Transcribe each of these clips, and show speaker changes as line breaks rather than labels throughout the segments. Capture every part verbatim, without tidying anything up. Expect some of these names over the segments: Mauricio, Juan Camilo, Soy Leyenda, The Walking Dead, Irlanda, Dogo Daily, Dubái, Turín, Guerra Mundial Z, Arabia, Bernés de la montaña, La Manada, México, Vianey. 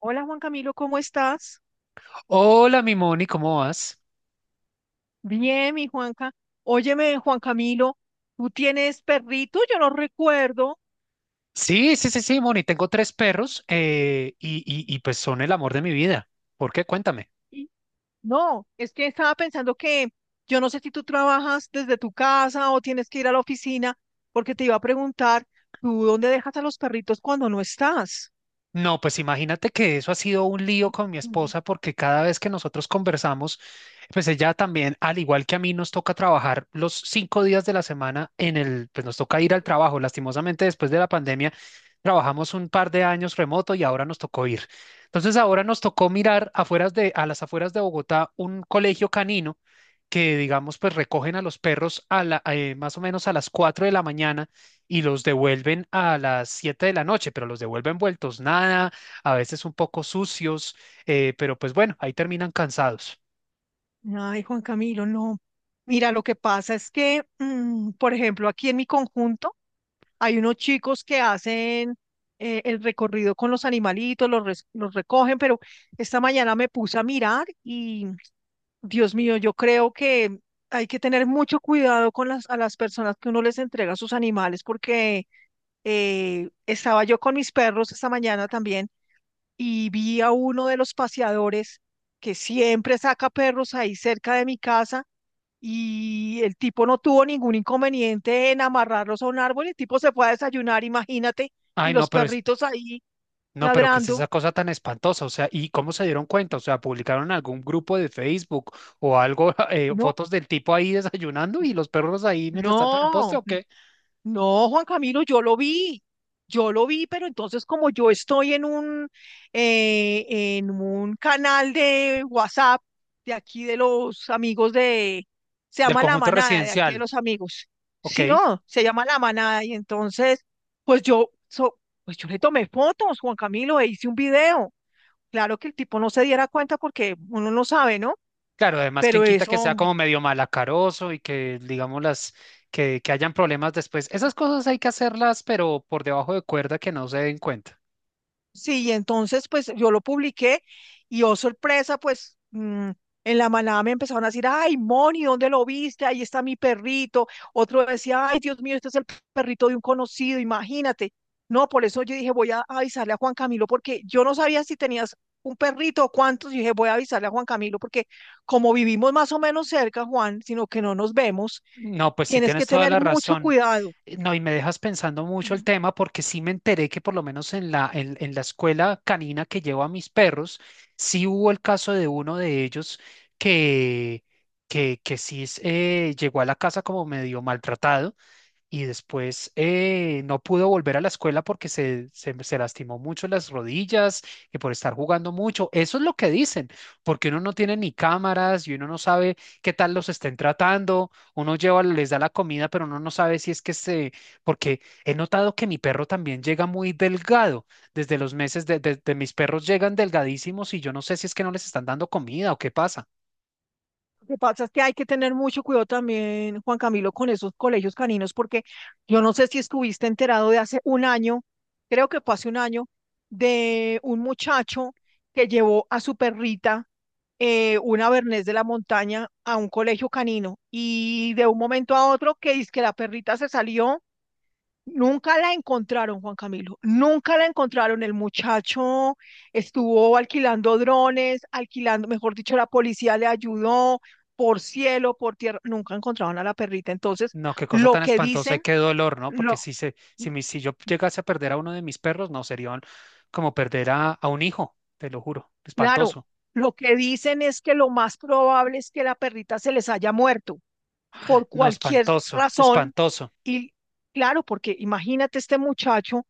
Hola, Juan Camilo, ¿cómo estás?
Hola, mi Moni, ¿cómo vas?
Bien, mi Juanca. Óyeme, Juan Camilo, ¿tú tienes perrito? Yo no recuerdo.
Sí, sí, sí, sí, Moni, tengo tres perros eh, y, y, y pues son el amor de mi vida. ¿Por qué? Cuéntame.
Y- No, es que estaba pensando que yo no sé si tú trabajas desde tu casa o tienes que ir a la oficina, porque te iba a preguntar, ¿tú dónde dejas a los perritos cuando no estás?
No, pues imagínate que eso ha sido un lío con mi
Ujú.
esposa porque cada vez que nosotros conversamos, pues ella también, al igual que a mí, nos toca trabajar los cinco días de la semana en el, pues nos toca ir al trabajo. Lastimosamente, después de la pandemia, trabajamos un par de años remoto y ahora nos tocó ir. Entonces, ahora nos tocó mirar afueras de, a las afueras de Bogotá un colegio canino que, digamos, pues recogen a los perros a la, eh, más o menos a las cuatro de la mañana y los devuelven a las siete de la noche, pero los devuelven vueltos nada, a veces un poco sucios, eh, pero pues bueno, ahí terminan cansados.
Ay, Juan Camilo, no. Mira, lo que pasa es que, mm, por ejemplo, aquí en mi conjunto, hay unos chicos que hacen eh, el recorrido con los animalitos, los, res- los recogen, pero esta mañana me puse a mirar y, Dios mío, yo creo que hay que tener mucho cuidado con las, a las personas que uno les entrega sus animales, porque eh, estaba yo con mis perros esta mañana también y vi a uno de los paseadores que siempre saca perros ahí cerca de mi casa, y el tipo no tuvo ningún inconveniente en amarrarlos a un árbol. El tipo se fue a desayunar, imagínate, y
Ay, no,
los
pero es,
perritos ahí
no, pero ¿qué es
ladrando.
esa cosa tan espantosa? O sea, ¿y cómo se dieron cuenta? O sea, ¿publicaron en algún grupo de Facebook o algo, eh,
No,
fotos del tipo ahí desayunando y los perros ahí mientras tanto en el poste
no.
o qué?
No, Juan Camilo, yo lo vi, yo lo vi, pero entonces como yo estoy en un, eh, en un canal de WhatsApp de aquí de los amigos de, se
Del
llama La
conjunto
Manada, de aquí de
residencial,
los amigos.
¿ok?
Si no, se llama La Manada y entonces, pues yo, so- pues yo le tomé fotos, Juan Camilo, e hice un video. Claro, que el tipo no se diera cuenta porque uno no sabe, ¿no?
Claro, además, quien
Pero
quita que sea
eso,
como medio malacaroso y que, digamos, las, que, que hayan problemas después. Esas cosas hay que hacerlas, pero por debajo de cuerda que no se den cuenta.
sí, y entonces pues yo lo publiqué y oh, sorpresa, pues mm, en la manada me empezaron a decir, ay, Moni, ¿dónde lo viste? Ahí está mi perrito. Otro decía, ay, Dios mío, este es el perrito de un conocido, imagínate. No, por eso yo dije, voy a avisarle a Juan Camilo porque yo no sabía si tenías un perrito o cuántos. Y dije, voy a avisarle a Juan Camilo porque como vivimos más o menos cerca, Juan, sino que no nos vemos,
No, pues sí
tienes
tienes
que
toda
tener
la
mucho
razón.
cuidado.
Eh, No, y me dejas pensando mucho el tema porque sí me enteré que por lo menos en la, en, en la escuela canina que llevo a mis perros, sí hubo el caso de uno de ellos que, que, que sí es, eh, llegó a la casa como medio maltratado y después eh, no pudo volver a la escuela porque se, se, se lastimó mucho las rodillas y por estar jugando mucho. Eso es lo que dicen, porque uno no tiene ni cámaras y uno no sabe qué tal los estén tratando. Uno lleva, les da la comida, pero uno no sabe si es que se... Porque he notado que mi perro también llega muy delgado. Desde los meses de, de de mis perros llegan delgadísimos y yo no sé si es que no les están dando comida o qué pasa.
Lo que pasa es que hay que tener mucho cuidado también, Juan Camilo, con esos colegios caninos, porque yo no sé si estuviste enterado de hace un año, creo que fue hace un año, de un muchacho que llevó a su perrita, eh, una Bernés de la montaña, a un colegio canino. Y de un momento a otro, que dice que la perrita se salió. Nunca la encontraron, Juan Camilo, nunca la encontraron. El muchacho estuvo alquilando drones, alquilando, mejor dicho, la policía le ayudó por cielo, por tierra, nunca encontraron a la perrita. Entonces,
No, qué cosa
lo
tan
que
espantosa y
dicen,
qué dolor, ¿no? Porque
lo
si, se, si, mi- si yo llegase a perder a uno de mis perros, no, sería un- como perder a, a un hijo, te lo juro.
Claro,
Espantoso.
lo que dicen es que lo más probable es que la perrita se les haya muerto por
No,
cualquier
espantoso,
razón.
espantoso.
Y claro, porque imagínate, este muchacho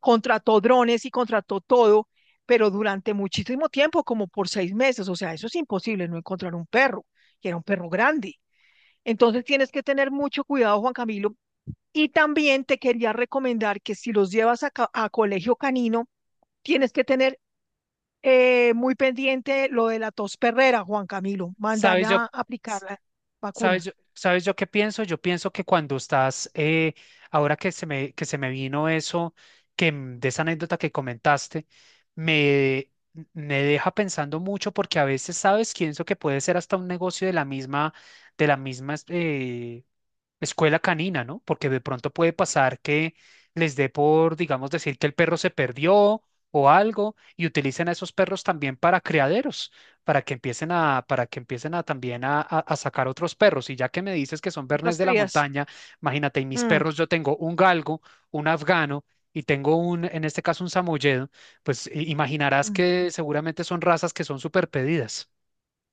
contrató drones y contrató todo, pero durante muchísimo tiempo, como por seis meses. O sea, eso es imposible, no encontrar un perro que era un perro grande. Entonces tienes que tener mucho cuidado, Juan Camilo. Y también te quería recomendar que si los llevas a, ca- a colegio canino, tienes que tener eh, muy pendiente lo de la tos perrera, Juan Camilo.
¿Sabes yo,
Mandarla a aplicar
s-
la
sabes
vacuna.
yo, ¿sabes yo qué pienso? Yo pienso que cuando estás, eh, ahora que se me, que se me vino eso, que m- de esa anécdota que comentaste, me, me deja pensando mucho porque a veces, ¿sabes? Pienso que puede ser hasta un negocio de la misma, de la misma, eh, escuela canina, ¿no? Porque de pronto puede pasar que les dé por, digamos, decir que el perro se perdió o algo y utilicen a esos perros también para criaderos, para que empiecen a, para que empiecen a también a, a- a sacar otros perros. Y ya que me dices que son bernés
Las
de la
crías.
montaña, imagínate, y mis
Mm,
perros, yo tengo un galgo, un afgano. Y tengo un, en este caso, un samoyedo, pues i- imaginarás
mm.
que seguramente son razas que son súper pedidas.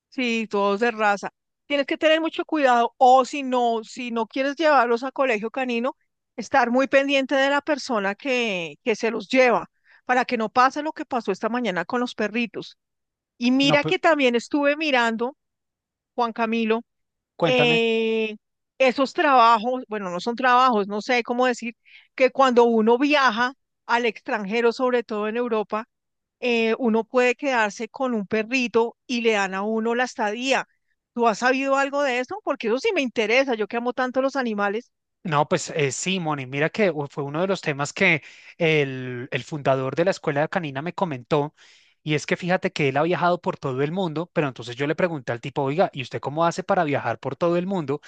Sí, todos de raza. Tienes que tener mucho cuidado o si no, si no quieres llevarlos a colegio canino, estar muy pendiente de la persona que, que se los lleva para que no pase lo que pasó esta mañana con los perritos. Y
No,
mira
pues,
que también estuve mirando, Juan Camilo,
cuéntame.
eh, esos trabajos, bueno, no son trabajos, no sé cómo decir, que cuando uno viaja al extranjero, sobre todo en Europa, eh, uno puede quedarse con un perrito y le dan a uno la estadía. ¿Tú has sabido algo de eso? Porque eso sí me interesa, yo que amo tanto los animales.
No, pues eh, sí, Moni, mira que u- fue uno de los temas que el, el fundador de la escuela canina me comentó, y es que fíjate que él ha viajado por todo el mundo, pero entonces yo le pregunté al tipo, oiga, ¿y usted cómo hace para viajar por todo el mundo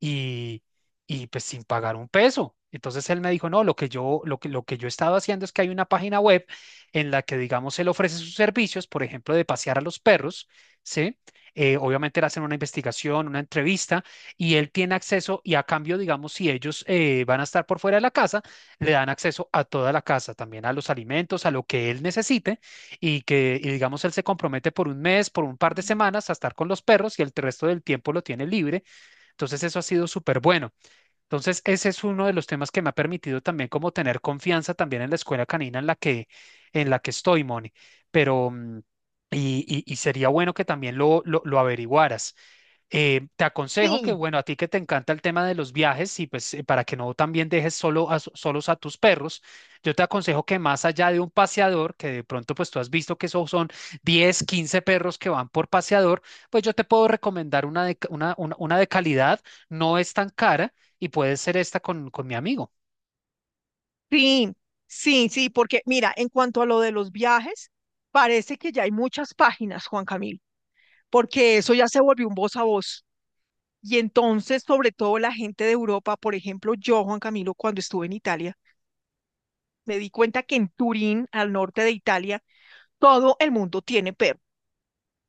y, y pues sin pagar un peso? Entonces él me dijo, no, lo que yo, lo que, lo que yo he estado haciendo es que hay una página web en la que, digamos, él ofrece sus servicios, por ejemplo, de pasear a los perros, ¿sí? Eh, obviamente le hacen una investigación, una entrevista y él tiene acceso y a cambio, digamos, si ellos eh, van a estar por fuera de la casa, le dan acceso a toda la casa, también a los alimentos, a lo que él necesite y que, y digamos, él se compromete por un mes, por un par de semanas a estar con los perros y el resto del tiempo lo tiene libre. Entonces eso ha sido súper bueno. Entonces ese es uno de los temas que me ha permitido también como tener confianza también en la escuela canina en la que, en la que estoy, Moni. Pero... mm, Y, y- y sería bueno que también lo, lo lo averiguaras. Eh, te aconsejo que,
Sí,
bueno, a ti que te encanta el tema de los viajes y pues eh, para que no también dejes solo a, solos a tus perros, yo te aconsejo que más allá de un paseador, que de pronto pues tú has visto que esos son diez quince perros que van por paseador, pues yo te puedo recomendar una de, ca- una, una, una de calidad, no es tan cara y puede ser esta con, con mi amigo.
sí, sí, sí, porque mira, en cuanto a lo de los viajes, parece que ya hay muchas páginas, Juan Camil, porque eso ya se volvió un voz a voz. Y entonces, sobre todo la gente de Europa, por ejemplo, yo, Juan Camilo, cuando estuve en Italia, me di cuenta que en Turín, al norte de Italia, todo el mundo tiene perros.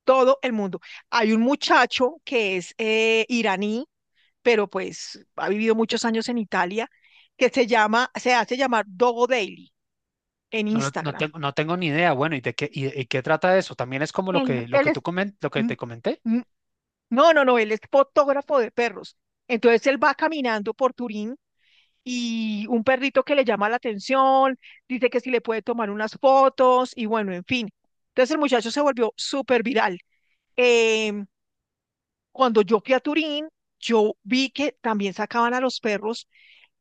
Todo el mundo. Hay un muchacho que es eh, iraní, pero pues ha vivido muchos años en Italia, que se llama, se hace llamar Dogo Daily en
No, lo- no,
Instagram.
tengo, no tengo ni idea, bueno, ¿y de qué, y, y qué trata eso? También es como lo
Él,
que, lo
él
que tú
es,
comen, lo que
Mm,
te comenté.
mm, No, no, no, él es fotógrafo de perros. Entonces él va caminando por Turín y un perrito que le llama la atención, dice que si le puede tomar unas fotos y bueno, en fin. Entonces el muchacho se volvió súper viral. Cuando yo fui a Turín, yo vi que también sacaban a los perros,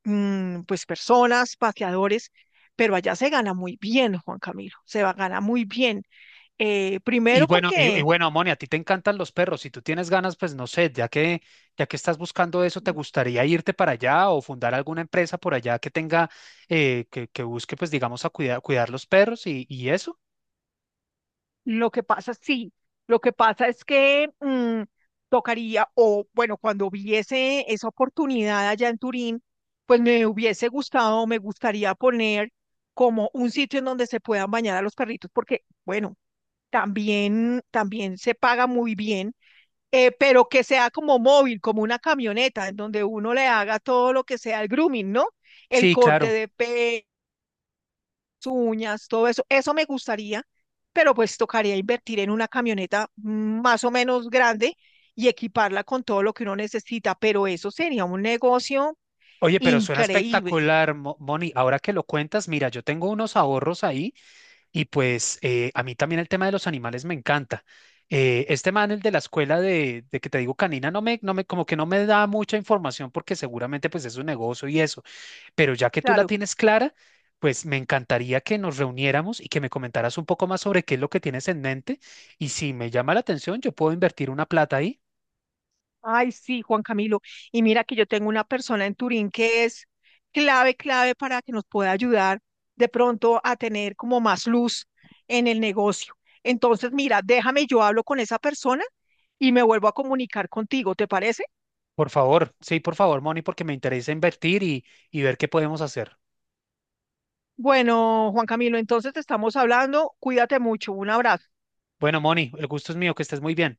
mm, pues personas, paseadores, pero allá se gana muy bien, Juan Camilo, se va, gana muy bien. Eh,
Y
primero
bueno, y, y
porque
bueno, Moni, a ti te encantan los perros. Si tú tienes ganas, pues no sé, ya que, ya que estás buscando eso, ¿te gustaría irte para allá o fundar alguna empresa por allá que tenga, eh, que, que busque, pues digamos, a cuidar, cuidar los perros y, y eso?
lo que pasa, sí, lo que pasa es que, mm, tocaría, o bueno, cuando hubiese esa oportunidad allá en Turín, pues me hubiese gustado, me gustaría poner como un sitio en donde se puedan bañar a los perritos, porque, bueno, también, también se paga muy bien, eh, pero que sea como móvil, como una camioneta, en donde uno le haga todo lo que sea el grooming, ¿no? El
Sí,
corte
claro.
de uñas, todo eso. Eso me gustaría, pero pues tocaría invertir en una camioneta más o menos grande y equiparla con todo lo que uno necesita, pero eso sería un negocio
Oye, pero suena
increíble.
espectacular, Mo- Moni. Ahora que lo cuentas, mira, yo tengo unos ahorros ahí y pues eh, a mí también el tema de los animales me encanta. Eh, este man, el de la escuela de, de que te digo canina, no me, no me, como que no me da mucha información porque seguramente pues es un negocio y eso. Pero ya que tú la
Claro.
tienes clara, pues me encantaría que nos reuniéramos y que me comentaras un poco más sobre qué es lo que tienes en mente. Y si me llama la atención, yo puedo invertir una plata ahí.
Ay, sí, Juan Camilo. Y mira que yo tengo una persona en Turín que es clave, clave para que nos pueda ayudar de pronto a tener como más luz en el negocio. Entonces, mira, déjame, yo hablo con esa persona y me vuelvo a comunicar contigo, ¿te parece?
Por favor, sí, por favor, Moni, porque me interesa invertir y, y ver qué podemos hacer.
Bueno, Juan Camilo, entonces te estamos hablando. Cuídate mucho. Un abrazo.
Bueno, Moni, el gusto es mío, que estés muy bien.